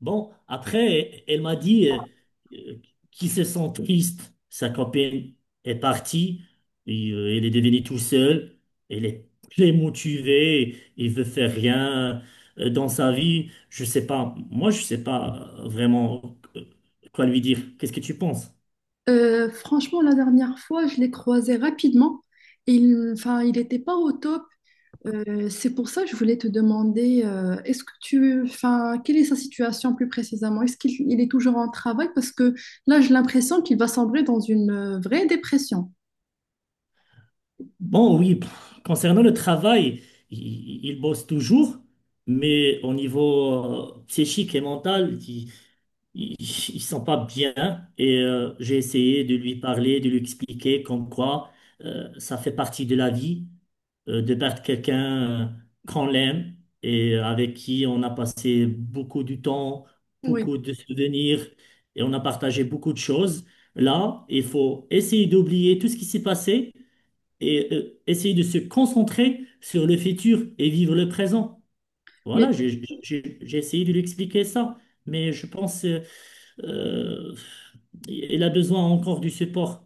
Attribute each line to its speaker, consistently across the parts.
Speaker 1: Bon, après, elle m'a dit qu'il se sent triste. Sa copine est partie, et, elle est devenue tout seule, elle est très motivée, il veut faire rien dans sa vie. Je sais pas, moi je sais pas vraiment quoi lui dire. Qu'est-ce que tu penses?
Speaker 2: Franchement, la dernière fois, je l'ai croisé rapidement. Enfin, il n'était pas au top. C'est pour ça que je voulais te demander, est-ce que tu, enfin, quelle est sa situation plus précisément? Est-ce qu'il il est toujours en travail? Parce que là, j'ai l'impression qu'il va sombrer dans une vraie dépression.
Speaker 1: Bon, oui, concernant le travail, il bosse toujours, mais au niveau psychique et mental, il sent pas bien et j'ai essayé de lui parler, de lui expliquer comme quoi ça fait partie de la vie, de perdre quelqu'un qu'on l'aime et avec qui on a passé beaucoup de temps,
Speaker 2: Oui.
Speaker 1: beaucoup de souvenirs, et on a partagé beaucoup de choses. Là, il faut essayer d'oublier tout ce qui s'est passé et essayer de se concentrer sur le futur et vivre le présent.
Speaker 2: Mais
Speaker 1: Voilà, j'ai essayé de lui expliquer ça, mais je pense, euh, il a besoin encore du support.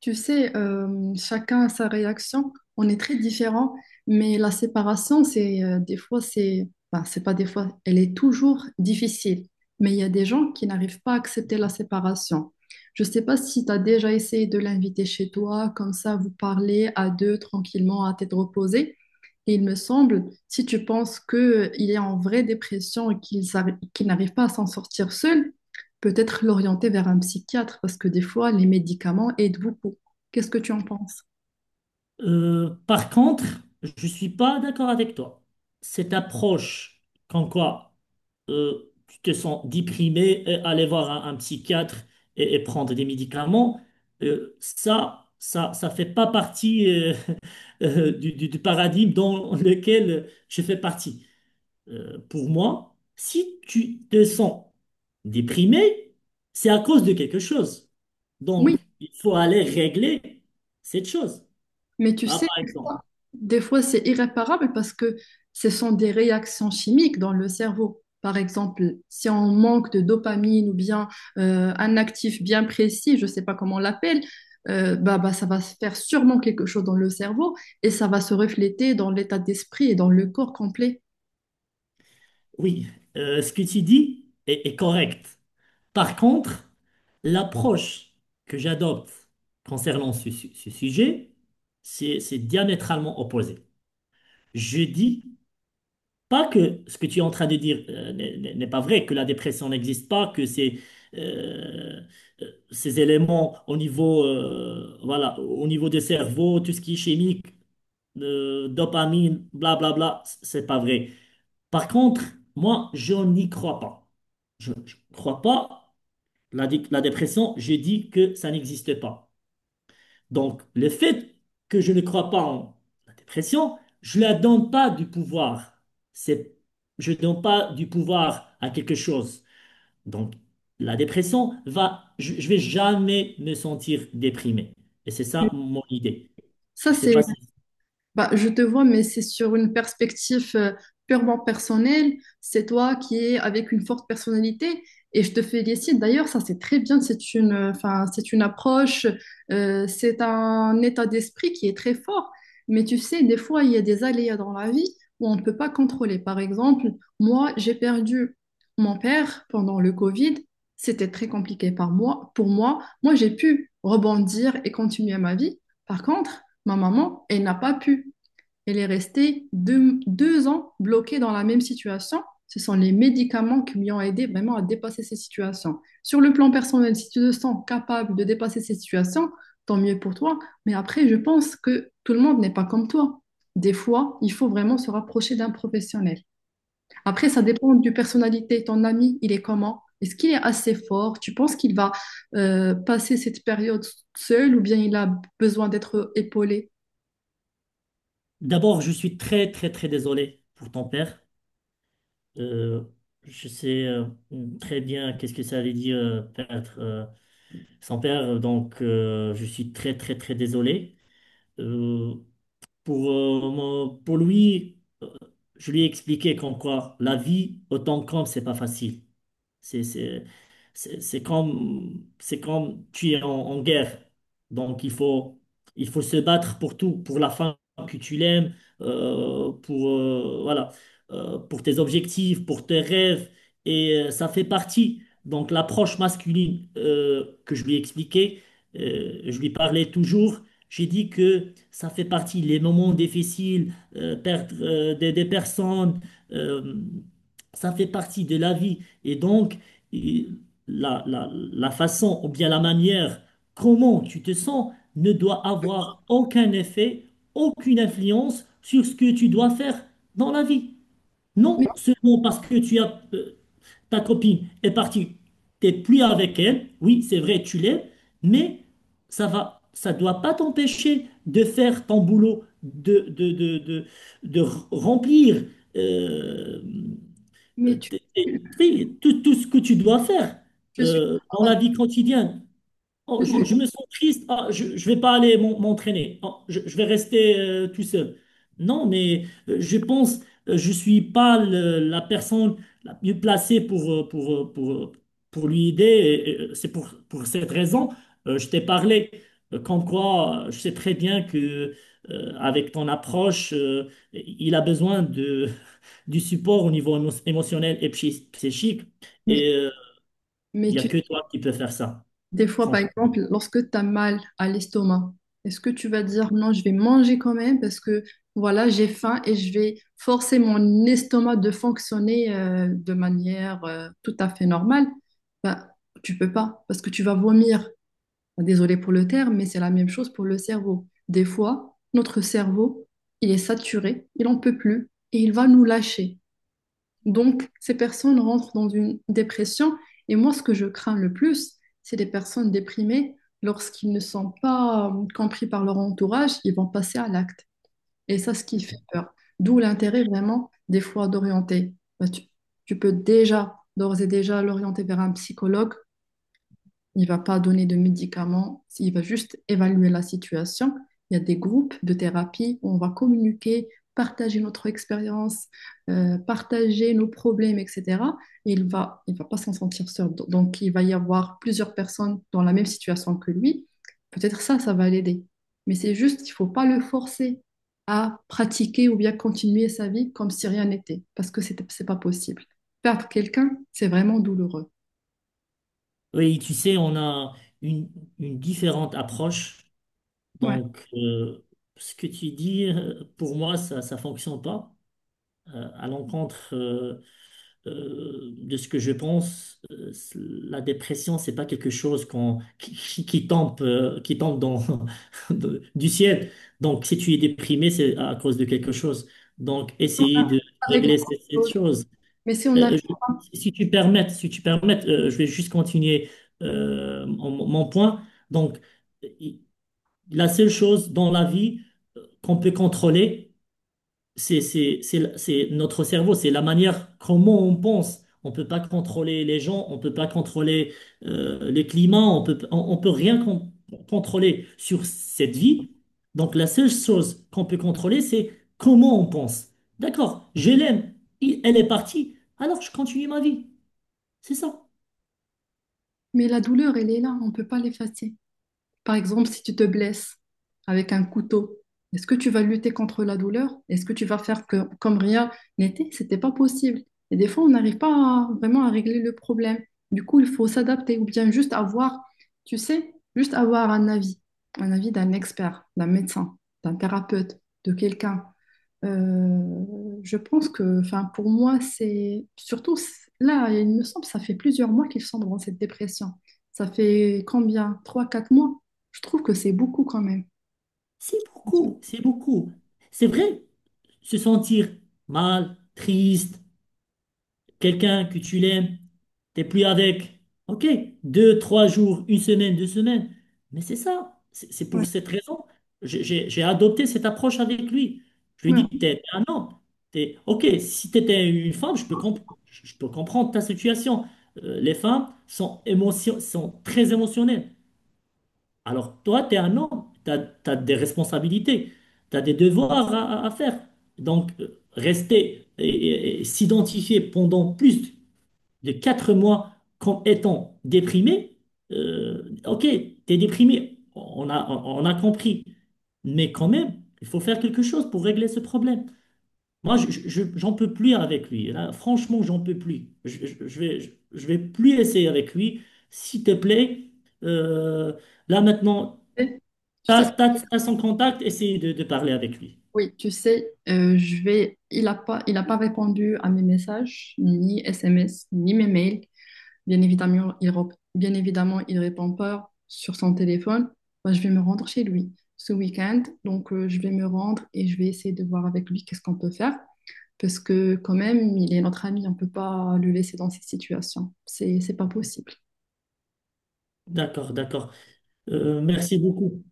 Speaker 2: tu sais, chacun a sa réaction. On est très différents, mais la séparation, c'est des fois, c'est, ben, c'est pas des fois, elle est toujours difficile. Mais il y a des gens qui n'arrivent pas à accepter la séparation. Je sais pas si tu as déjà essayé de l'inviter chez toi, comme ça, vous parlez à deux tranquillement, à tête reposée. Et il me semble, si tu penses qu'il est en vraie dépression et qu'il n'arrive pas à s'en sortir seul, peut-être l'orienter vers un psychiatre parce que des fois, les médicaments aident beaucoup. Qu'est-ce que tu en penses?
Speaker 1: Par contre, je suis pas d'accord avec toi. Cette approche, quand quoi, tu te sens déprimé et aller voir un psychiatre, et prendre des médicaments, ça fait pas partie, du paradigme dans lequel je fais partie. Pour moi, si tu te sens déprimé, c'est à cause de quelque chose.
Speaker 2: Oui,
Speaker 1: Donc, il faut aller régler cette chose.
Speaker 2: mais tu
Speaker 1: Ah,
Speaker 2: sais,
Speaker 1: par exemple,
Speaker 2: des fois, c'est irréparable parce que ce sont des réactions chimiques dans le cerveau. Par exemple, si on manque de dopamine ou bien un actif bien précis, je ne sais pas comment on l'appelle, euh, ça va se faire sûrement quelque chose dans le cerveau et ça va se refléter dans l'état d'esprit et dans le corps complet.
Speaker 1: oui, ce que tu dis est, est correct. Par contre, l'approche que j'adopte concernant ce sujet, c'est diamétralement opposé. Je dis pas que ce que tu es en train de dire, n'est pas vrai, que la dépression n'existe pas, que euh, ces éléments au niveau, voilà, au niveau des cerveaux, tout ce qui est chimique, dopamine, blablabla, c'est pas vrai. Par contre, moi, je n'y crois pas. Je ne crois pas. La dépression, je dis que ça n'existe pas. Donc, le fait que je ne crois pas en la dépression, je ne la donne pas du pouvoir. C'est, je ne donne pas du pouvoir à quelque chose. Donc, la dépression va, je vais jamais me sentir déprimé. Et c'est ça mon idée.
Speaker 2: Ça,
Speaker 1: Je sais pas
Speaker 2: c'est
Speaker 1: si.
Speaker 2: bah, je te vois, mais c'est sur une perspective purement personnelle. C'est toi qui es avec une forte personnalité et je te félicite. D'ailleurs, ça c'est très bien. C'est une, enfin, c'est une approche, c'est un état d'esprit qui est très fort. Mais tu sais, des fois, il y a des aléas dans la vie où on ne peut pas contrôler. Par exemple, moi, j'ai perdu mon père pendant le Covid. C'était très compliqué par moi, pour moi. Moi, j'ai pu rebondir et continuer ma vie. Par contre, ma maman, elle n'a pas pu. Elle est restée deux ans bloquée dans la même situation. Ce sont les médicaments qui lui ont aidé vraiment à dépasser ces situations. Sur le plan personnel, si tu te sens capable de dépasser ces situations, tant mieux pour toi. Mais après, je pense que tout le monde n'est pas comme toi. Des fois, il faut vraiment se rapprocher d'un professionnel. Après, ça dépend du personnalité. Ton ami, il est comment? Est-ce qu'il est assez fort? Tu penses qu'il va passer cette période seul ou bien il a besoin d'être épaulé?
Speaker 1: D'abord, je suis très, très, très désolé pour ton père. Euh, je sais très bien qu'est-ce que ça veut dire, perdre son père. Donc, je suis très, très, très désolé. Euh, pour lui, euh, je lui ai expliqué qu'en quoi la vie, autant qu'homme, c'est pas facile. C'est c'est- c'est comme tu es en, en guerre. Donc, il faut se battre pour tout, pour la femme que tu l'aimes, pour, voilà, pour tes objectifs, pour tes rêves. Et ça fait partie. Donc, l'approche masculine, que je lui ai expliquée, je lui parlais toujours. J'ai dit que ça fait partie. Les moments difficiles, perdre, des personnes, euh, ça fait partie de la vie. Et donc, il- la façon ou bien la manière comment tu te sens ne doit avoir aucun effet, aucune influence sur ce que tu dois faire dans la vie. Non seulement parce que ta copine est partie, t'es plus avec elle, oui, c'est vrai, tu l'es, mais ça va, ça doit pas t'empêcher de faire ton boulot, de remplir. euh,
Speaker 2: Mais tu,
Speaker 1: T'es
Speaker 2: tu-
Speaker 1: pris, tout, tout ce que tu dois faire
Speaker 2: je suis,
Speaker 1: dans la vie quotidienne. Oh, je me sens triste. Ah, je ne vais pas aller m'entraîner. Oh, je vais rester tout seul. Non, mais je pense, je suis pas la personne la mieux placée pour lui aider. C'est pour cette raison, je t'ai parlé, comme quoi je sais très bien que, avec ton approche, il a besoin, du support au niveau émotionnel et psychique.
Speaker 2: mais,
Speaker 1: Et euh, il
Speaker 2: mais
Speaker 1: n'y a
Speaker 2: tu,
Speaker 1: que toi qui peux faire ça,
Speaker 2: des fois, par
Speaker 1: franchement.
Speaker 2: exemple, lorsque tu as mal à l'estomac, est-ce que tu vas dire non, je vais manger quand même parce que voilà, j'ai faim et je vais forcer mon estomac de fonctionner de manière tout à fait normale? Ben, tu peux pas parce que tu vas vomir. Bah, désolé pour le terme, mais c'est la même chose pour le cerveau. Des fois, notre cerveau, il est saturé, il n'en peut plus et il va nous lâcher. Donc, ces personnes rentrent dans une dépression. Et moi, ce que je crains le plus, c'est les personnes déprimées lorsqu'ils ne sont pas compris par leur entourage, ils vont passer à l'acte. Et ça, ce qui fait peur. D'où l'intérêt vraiment des fois d'orienter. Tu peux déjà, d'ores et déjà, l'orienter vers un psychologue, il ne va pas donner de médicaments, il va juste évaluer la situation. Il y a des groupes de thérapie où on va communiquer, partager notre expérience, partager nos problèmes, etc. Et il va pas s'en sentir seul. Donc, il va y avoir plusieurs personnes dans la même situation que lui. Peut-être ça, ça va l'aider. Mais c'est juste, il ne faut pas le forcer à pratiquer ou bien continuer sa vie comme si rien n'était, parce que c'est n'est pas possible. Perdre quelqu'un, c'est vraiment douloureux.
Speaker 1: Oui, tu sais, on a une, une différente approche.
Speaker 2: Ouais.
Speaker 1: Donc, ce que tu dis, pour moi, ça ne fonctionne pas, à l'encontre, de ce que je pense. La dépression, c'est pas quelque chose qui tombe dans, du ciel. Donc, si tu es déprimé, c'est à cause de quelque chose. Donc, essayer de
Speaker 2: Avec
Speaker 1: régler cette chose.
Speaker 2: mais si on arrive,
Speaker 1: Euh, je- si tu permets, je vais juste continuer, mon point. Donc, i- la seule chose dans la vie qu'on peut contrôler, c'est notre cerveau, c'est la manière comment on pense. On peut pas contrôler les gens, on peut pas contrôler, les climats. On peut rien contrôler sur cette vie. Donc la seule chose qu'on peut contrôler, c'est comment on pense. D'accord, je l'aime, elle est partie, alors je continue ma vie. C'est ça.
Speaker 2: mais la douleur, elle est là, on ne peut pas l'effacer. Par exemple, si tu te blesses avec un couteau, est-ce que tu vas lutter contre la douleur? Est-ce que tu vas faire comme rien n'était? C'était pas possible. Et des fois, on n'arrive pas à- vraiment à régler le problème. Du coup, il faut s'adapter ou bien juste avoir, tu sais, juste avoir un avis d'un expert, d'un médecin, d'un thérapeute, de quelqu'un. Euh, je pense que, enfin, pour moi, c'est surtout là, il me semble, ça fait plusieurs mois qu'ils sont dans cette dépression. Ça fait combien? Trois, quatre mois? Je trouve que c'est beaucoup quand même.
Speaker 1: C'est beaucoup, c'est beaucoup. C'est vrai, se sentir mal, triste, quelqu'un que tu l'aimes. T'es plus avec, ok, 2, 3 jours, une semaine, 2 semaines. Mais c'est ça, c'est
Speaker 2: Ouais.
Speaker 1: pour cette raison. J'ai adopté cette approche avec lui. Je lui ai
Speaker 2: Ouais.
Speaker 1: dit, t'es un homme. T'es, ok, si t'étais une femme, je peux comprendre ta situation. Les femmes sont très émotionnelles. Alors toi, t'es un homme, t'as des responsabilités, t'as des devoirs à faire. Donc, rester et s'identifier pendant plus de 4 mois comme étant déprimé, ok, t'es déprimé, on a compris. Mais quand même, il faut faire quelque chose pour régler ce problème. Moi, j'en peux plus avec lui. Là, franchement, j'en peux plus. Je vais plus essayer avec lui. S'il te plaît, euh, là maintenant,
Speaker 2: Eh, tu sais,
Speaker 1: t'as, t'as, t'as son contact, essaye de parler avec lui.
Speaker 2: oui, tu sais, il a pas répondu à mes messages, ni SMS, ni mes mails. Bien évidemment, bien évidemment, il répond pas sur son téléphone. Bah, je vais me rendre chez lui ce week-end. Donc, je vais me rendre et je vais essayer de voir avec lui qu'est-ce qu'on peut faire. Parce que quand même, il est notre ami, on peut pas le laisser dans cette situation. C'est pas possible.
Speaker 1: D'accord, d'accord. Merci beaucoup.